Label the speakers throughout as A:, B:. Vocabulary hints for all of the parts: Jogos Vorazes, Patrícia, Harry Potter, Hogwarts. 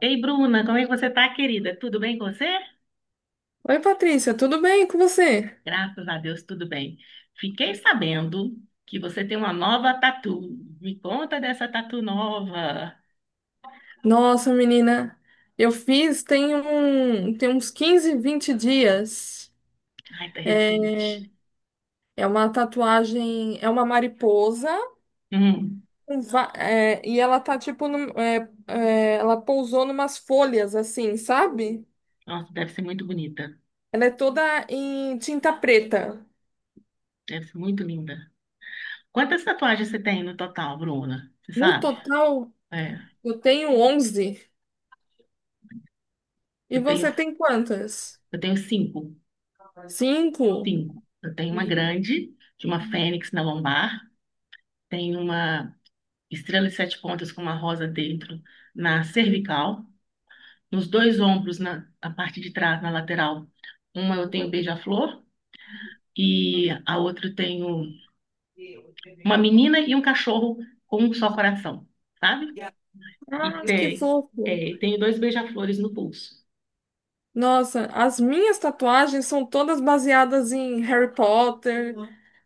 A: Ei, Bruna, como é que você tá, querida? Tudo bem com você?
B: Oi, Patrícia, tudo bem com você?
A: Graças a Deus, tudo bem. Fiquei sabendo que você tem uma nova tatu. Me conta dessa tatu nova.
B: Nossa, menina, eu fiz tem uns 15, 20 dias.
A: Ai, tá
B: É
A: recente.
B: é uma tatuagem, é uma mariposa,
A: Hum,
B: e ela tá tipo, ela pousou numas folhas assim, sabe?
A: Nossa, deve ser muito bonita.
B: Ela é toda em tinta preta.
A: Deve ser muito linda. Quantas tatuagens você tem no total, Bruna? Você
B: No
A: sabe?
B: total,
A: É,
B: eu tenho 11. E
A: eu tenho,
B: você tem quantas?
A: eu tenho cinco.
B: Cinco?
A: Cinco. Eu tenho uma grande, de uma fênix na lombar. Tenho uma estrela de sete pontas com uma rosa dentro na cervical. Nos dois ombros, na parte de trás, na lateral. Uma eu tenho beija-flor e a outra eu tenho uma menina e um cachorro com um só coração, sabe? E
B: Ah, que
A: tem,
B: fofo.
A: tenho dois beija-flores no pulso.
B: Nossa, as minhas tatuagens são todas baseadas em Harry Potter,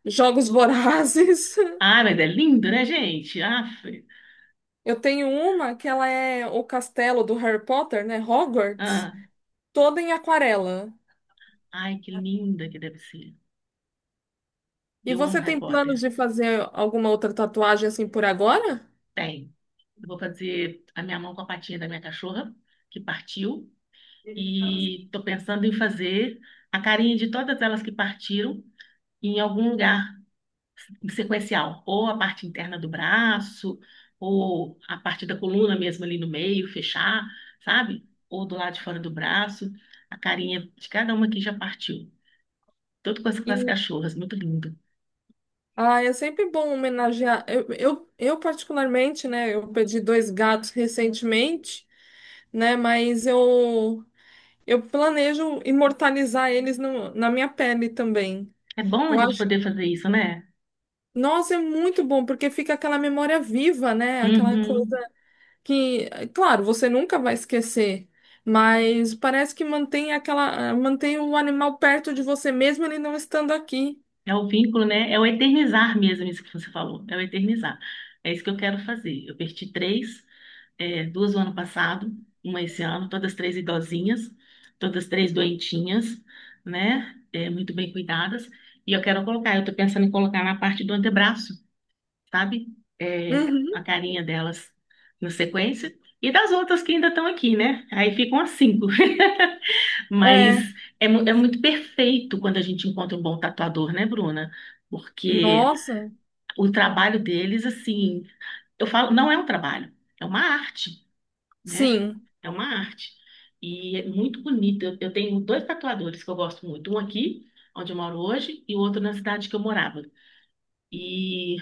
B: Jogos Vorazes.
A: Ah, mas é lindo, né, gente? Aff.
B: Eu tenho uma que ela é o castelo do Harry Potter, né? Hogwarts,
A: Ah,
B: toda em aquarela.
A: ai, que linda que deve ser.
B: E
A: Eu amo
B: você
A: Harry
B: tem planos
A: Potter.
B: de fazer alguma outra tatuagem assim por agora?
A: Tem. Eu vou fazer a minha mão com a patinha da minha cachorra, que partiu. E tô pensando em fazer a carinha de todas elas que partiram em algum lugar sequencial, ou a parte interna do braço, ou a parte da coluna mesmo ali no meio, fechar, sabe? Ou do lado de fora do braço, a carinha de cada uma que já partiu. Tudo com as
B: E
A: cachorras, muito lindo.
B: ah, é sempre bom homenagear. Eu particularmente, né? Eu perdi dois gatos recentemente, né? Mas eu planejo imortalizar eles na minha pele também.
A: É bom a
B: Eu
A: gente
B: acho.
A: poder fazer isso, né?
B: Nossa, é muito bom, porque fica aquela memória viva, né? Aquela coisa
A: Uhum.
B: que, claro, você nunca vai esquecer, mas parece que mantém aquela, mantém o animal perto de você mesmo ele não estando aqui.
A: É o vínculo, né? É o eternizar mesmo, isso que você falou. É o eternizar. É isso que eu quero fazer. Eu perdi três. Duas no ano passado, uma esse ano, todas três idosinhas, todas três doentinhas, né? É, muito bem cuidadas. E eu quero colocar, eu tô pensando em colocar na parte do antebraço, sabe? É,
B: Uhum.
A: a carinha delas na sequência. E das outras que ainda estão aqui, né? Aí ficam as cinco. Mas
B: É.
A: é muito perfeito quando a gente encontra um bom tatuador, né, Bruna? Porque
B: Nossa,
A: o trabalho deles, assim, eu falo, não é um trabalho, é uma arte, né?
B: sim.
A: É uma arte. E é muito bonita. Eu tenho dois tatuadores que eu gosto muito. Um aqui, onde eu moro hoje, e o outro na cidade que eu morava. E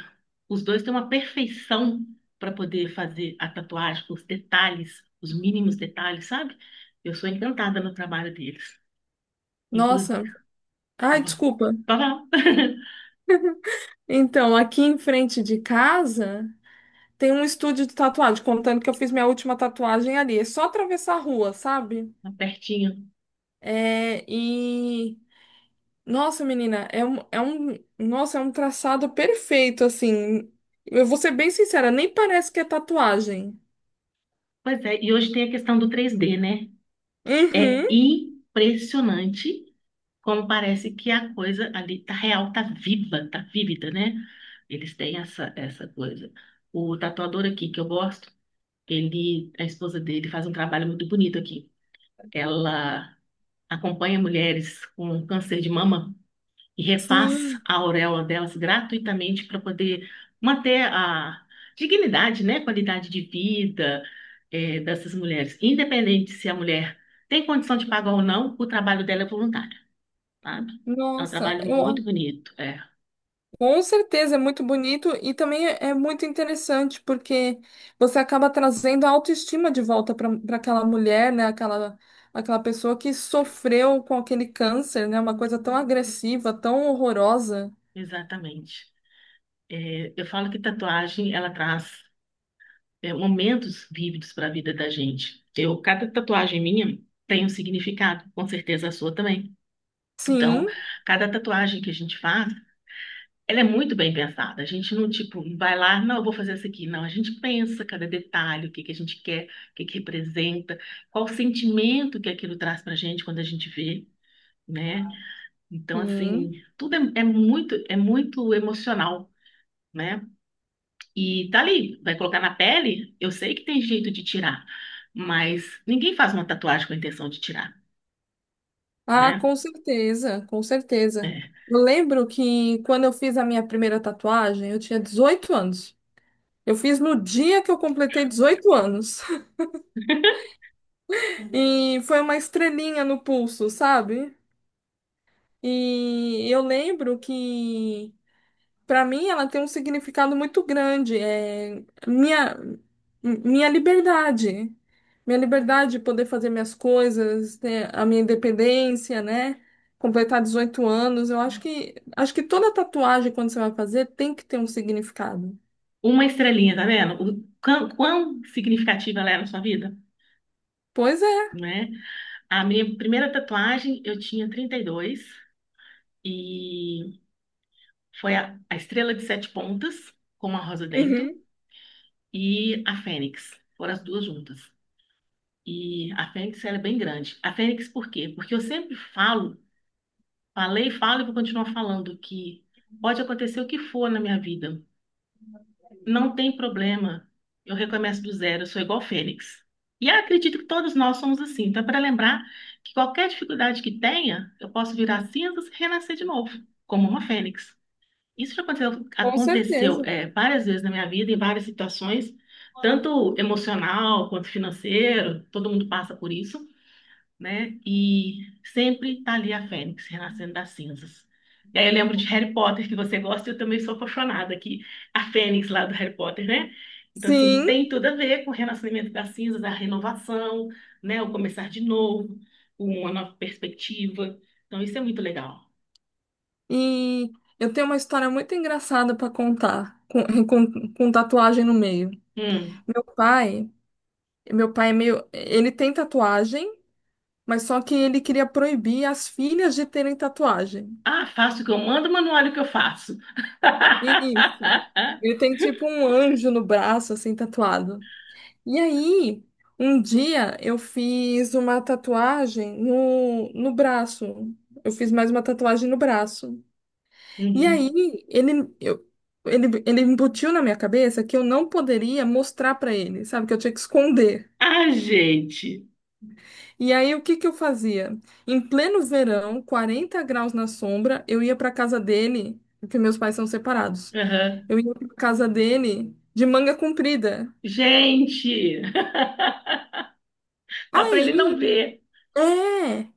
A: os dois têm uma perfeição para poder fazer a tatuagem, os detalhes, os mínimos detalhes, sabe? Eu sou encantada no trabalho deles. Inclusive,
B: Nossa. Ai,
A: opa,
B: desculpa.
A: opa,
B: Então, aqui em frente de casa tem um estúdio de tatuagem, contando que eu fiz minha última tatuagem ali. É só atravessar a rua, sabe?
A: pertinho.
B: É, e Nossa, menina, é um traçado perfeito, assim. Eu vou ser bem sincera, nem parece que é tatuagem.
A: Pois é, e hoje tem a questão do 3D, né? É
B: Uhum,
A: impressionante como parece que a coisa ali tá real, tá viva, tá vívida, né? Eles têm essa coisa. O tatuador aqui que eu gosto, ele, a esposa dele faz um trabalho muito bonito aqui. Ela acompanha mulheres com câncer de mama e refaz
B: sim.
A: a auréola delas gratuitamente para poder manter a dignidade, né? Qualidade de vida, dessas mulheres. Independente se a mulher tem condição de pagar ou não, o trabalho dela é voluntário, sabe? É um
B: Nossa,
A: trabalho muito
B: eu,
A: bonito,
B: com certeza é muito bonito e também é muito interessante porque você acaba trazendo a autoestima de volta para aquela mulher, né? Aquela, aquela pessoa que sofreu com aquele câncer, né? Uma coisa tão agressiva, tão horrorosa.
A: exatamente. É, eu falo que tatuagem, ela traz, momentos vívidos para a vida da gente. Eu, cada tatuagem minha tem um significado, com certeza a sua também. Então,
B: Sim,
A: cada tatuagem que a gente faz, ela é muito bem pensada. A gente não, tipo, vai lá, não, eu vou fazer essa aqui. Não, a gente pensa cada detalhe, o que que a gente quer, o que que representa, qual o sentimento que aquilo traz para a gente quando a gente vê, né? Então,
B: sim.
A: assim, tudo é muito emocional, né? E tá ali, vai colocar na pele, eu sei que tem jeito de tirar, mas ninguém faz uma tatuagem com a intenção de tirar,
B: Ah,
A: né?
B: com certeza, com certeza.
A: É.
B: Eu lembro que quando eu fiz a minha primeira tatuagem, eu tinha 18 anos. Eu fiz no dia que eu completei 18 anos. E foi uma estrelinha no pulso, sabe? E eu lembro que Para mim, ela tem um significado muito grande. É minha, minha liberdade. Minha liberdade de poder fazer minhas coisas, ter a minha independência, né? Completar 18 anos. Eu acho que toda tatuagem, quando você vai fazer, tem que ter um significado.
A: Uma estrelinha, tá vendo? O quão significativa ela é na sua vida,
B: Pois é.
A: né? A minha primeira tatuagem, eu tinha 32 e foi a estrela de sete pontas com uma rosa dentro
B: Uhum.
A: e a fênix. Foram as duas juntas. E a Fênix, ela é bem grande. A Fênix, por quê? Porque eu sempre falo, falei, falo e vou continuar falando que pode acontecer o que for na minha vida. Não tem problema. Eu recomeço do zero, eu sou igual Fênix. E eu acredito que todos nós somos assim. Então, é para lembrar que qualquer dificuldade que tenha, eu posso virar cinzas e renascer de novo, como uma Fênix. Isso já aconteceu,
B: Com
A: aconteceu,
B: certeza.
A: várias vezes na minha vida, em várias situações, tanto emocional quanto financeiro, todo mundo passa por isso, né? E sempre tá ali a Fênix renascendo das cinzas. E aí eu lembro de Harry Potter, que você gosta, e eu também sou apaixonada, que a Fênix lá do Harry Potter, né? Então, assim,
B: Sim,
A: tem tudo a ver com o renascimento das cinzas, a renovação, né? O começar de novo, uma nova perspectiva. Então, isso é muito legal.
B: e eu tenho uma história muito engraçada para contar, com tatuagem no meio.
A: Hum.
B: Meu pai, meu pai é meio, ele tem tatuagem. Mas só que ele queria proibir as filhas de terem tatuagem.
A: Ah, faço o que eu mando, mas não olho o que eu faço.
B: Isso. Ele tem tipo um anjo no braço, assim, tatuado. E aí, um dia eu fiz uma tatuagem no braço. Eu fiz mais uma tatuagem no braço. E
A: Uhum.
B: aí, ele, eu, ele embutiu na minha cabeça que eu não poderia mostrar pra ele, sabe? Que eu tinha que esconder.
A: Ah, gente.
B: E aí, o que que eu fazia? Em pleno verão, 40 graus na sombra, eu ia para casa dele, porque meus pais são separados.
A: Aham.
B: Eu ia para casa dele de manga comprida.
A: Gente, só para ele não
B: Aí,
A: ver.
B: é.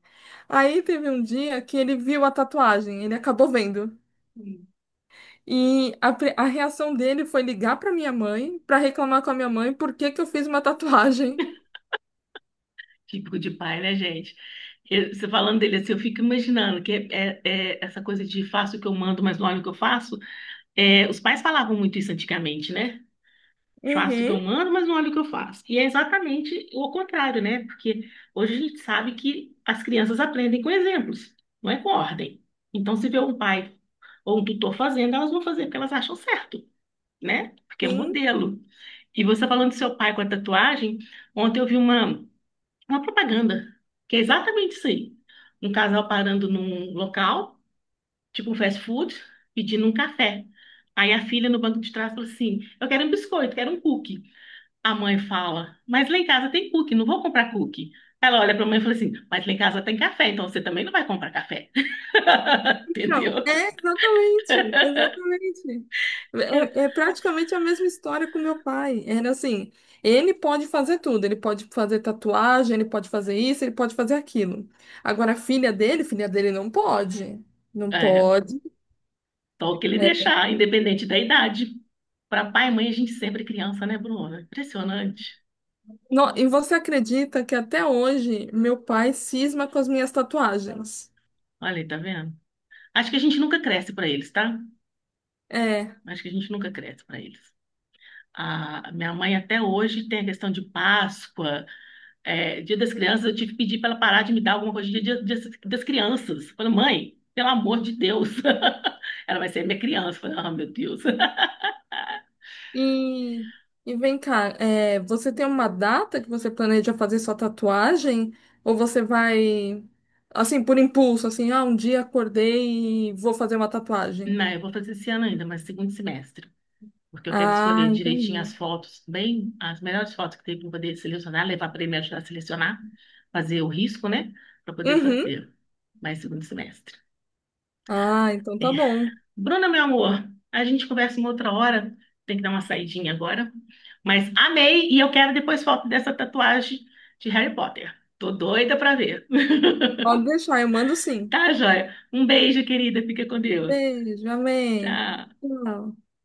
B: Aí teve um dia que ele viu a tatuagem, ele acabou vendo. E a reação dele foi ligar para minha mãe, para reclamar com a minha mãe por que que eu fiz uma tatuagem.
A: Típico de pai, né, gente? Você falando dele assim, eu fico imaginando que é essa coisa de faço o que eu mando, mas não olho o que eu faço. É, os pais falavam muito isso antigamente, né? Faço o que
B: Uhum.
A: eu mando, mas não olho o que eu faço. E é exatamente o contrário, né? Porque hoje a gente sabe que as crianças aprendem com exemplos, não é com ordem. Então, se vê um pai ou um tutor fazendo, elas vão fazer porque elas acham certo, né? Porque é um
B: Sim.
A: modelo. E você falando do seu pai com a tatuagem, ontem eu vi uma. Uma propaganda, que é exatamente isso aí. Um casal parando num local, tipo um fast food, pedindo um café. Aí a filha no banco de trás fala assim: eu quero um biscoito, quero um cookie. A mãe fala: mas lá em casa tem cookie, não vou comprar cookie. Ela olha para a mãe e fala assim: mas lá em casa tem café, então você também não vai comprar café.
B: Não,
A: Entendeu?
B: é exatamente, exatamente. É, é praticamente a mesma história com meu pai. Era assim, ele pode fazer tudo, ele pode fazer tatuagem, ele pode fazer isso, ele pode fazer aquilo. Agora, a filha dele não pode. Não
A: É,
B: pode.
A: só o que ele
B: É.
A: deixar, independente da idade. Para pai e mãe, a gente sempre é criança, né, Bruna? Impressionante.
B: Não, e você acredita que até hoje meu pai cisma com as minhas tatuagens?
A: Olha aí, tá vendo? Acho que a gente nunca cresce para eles, tá?
B: É.
A: Acho que a gente nunca cresce para eles. A minha mãe até hoje tem a questão de Páscoa, é, Dia das Crianças. Eu tive que pedir para ela parar de me dar alguma coisa de Dia das Crianças. Eu falei: mãe, pelo amor de Deus. Ela vai ser minha criança. Eu falei: ah, meu Deus.
B: E, e vem cá, é, você tem uma data que você planeja fazer sua tatuagem? Ou você vai, assim, por impulso, assim, ah, um dia acordei e vou fazer uma tatuagem?
A: Não, eu vou fazer esse ano ainda, mas segundo semestre. Porque eu quero
B: Ah,
A: escolher
B: entendi.
A: direitinho as fotos, bem, as melhores fotos que tem para poder selecionar, levar para ele me ajudar a selecionar, fazer o risco, né? Para poder
B: Uhum.
A: fazer mais segundo semestre.
B: Ah, então
A: É,
B: tá bom.
A: Bruna, meu amor, a gente conversa uma outra hora. Tem que dar uma saidinha agora. Mas amei e eu quero depois foto dessa tatuagem de Harry Potter. Tô doida pra ver.
B: Pode deixar, eu mando sim.
A: Tá, joia? Um beijo, querida. Fica com Deus.
B: Beijo, amém.
A: Tchau.
B: Tchau.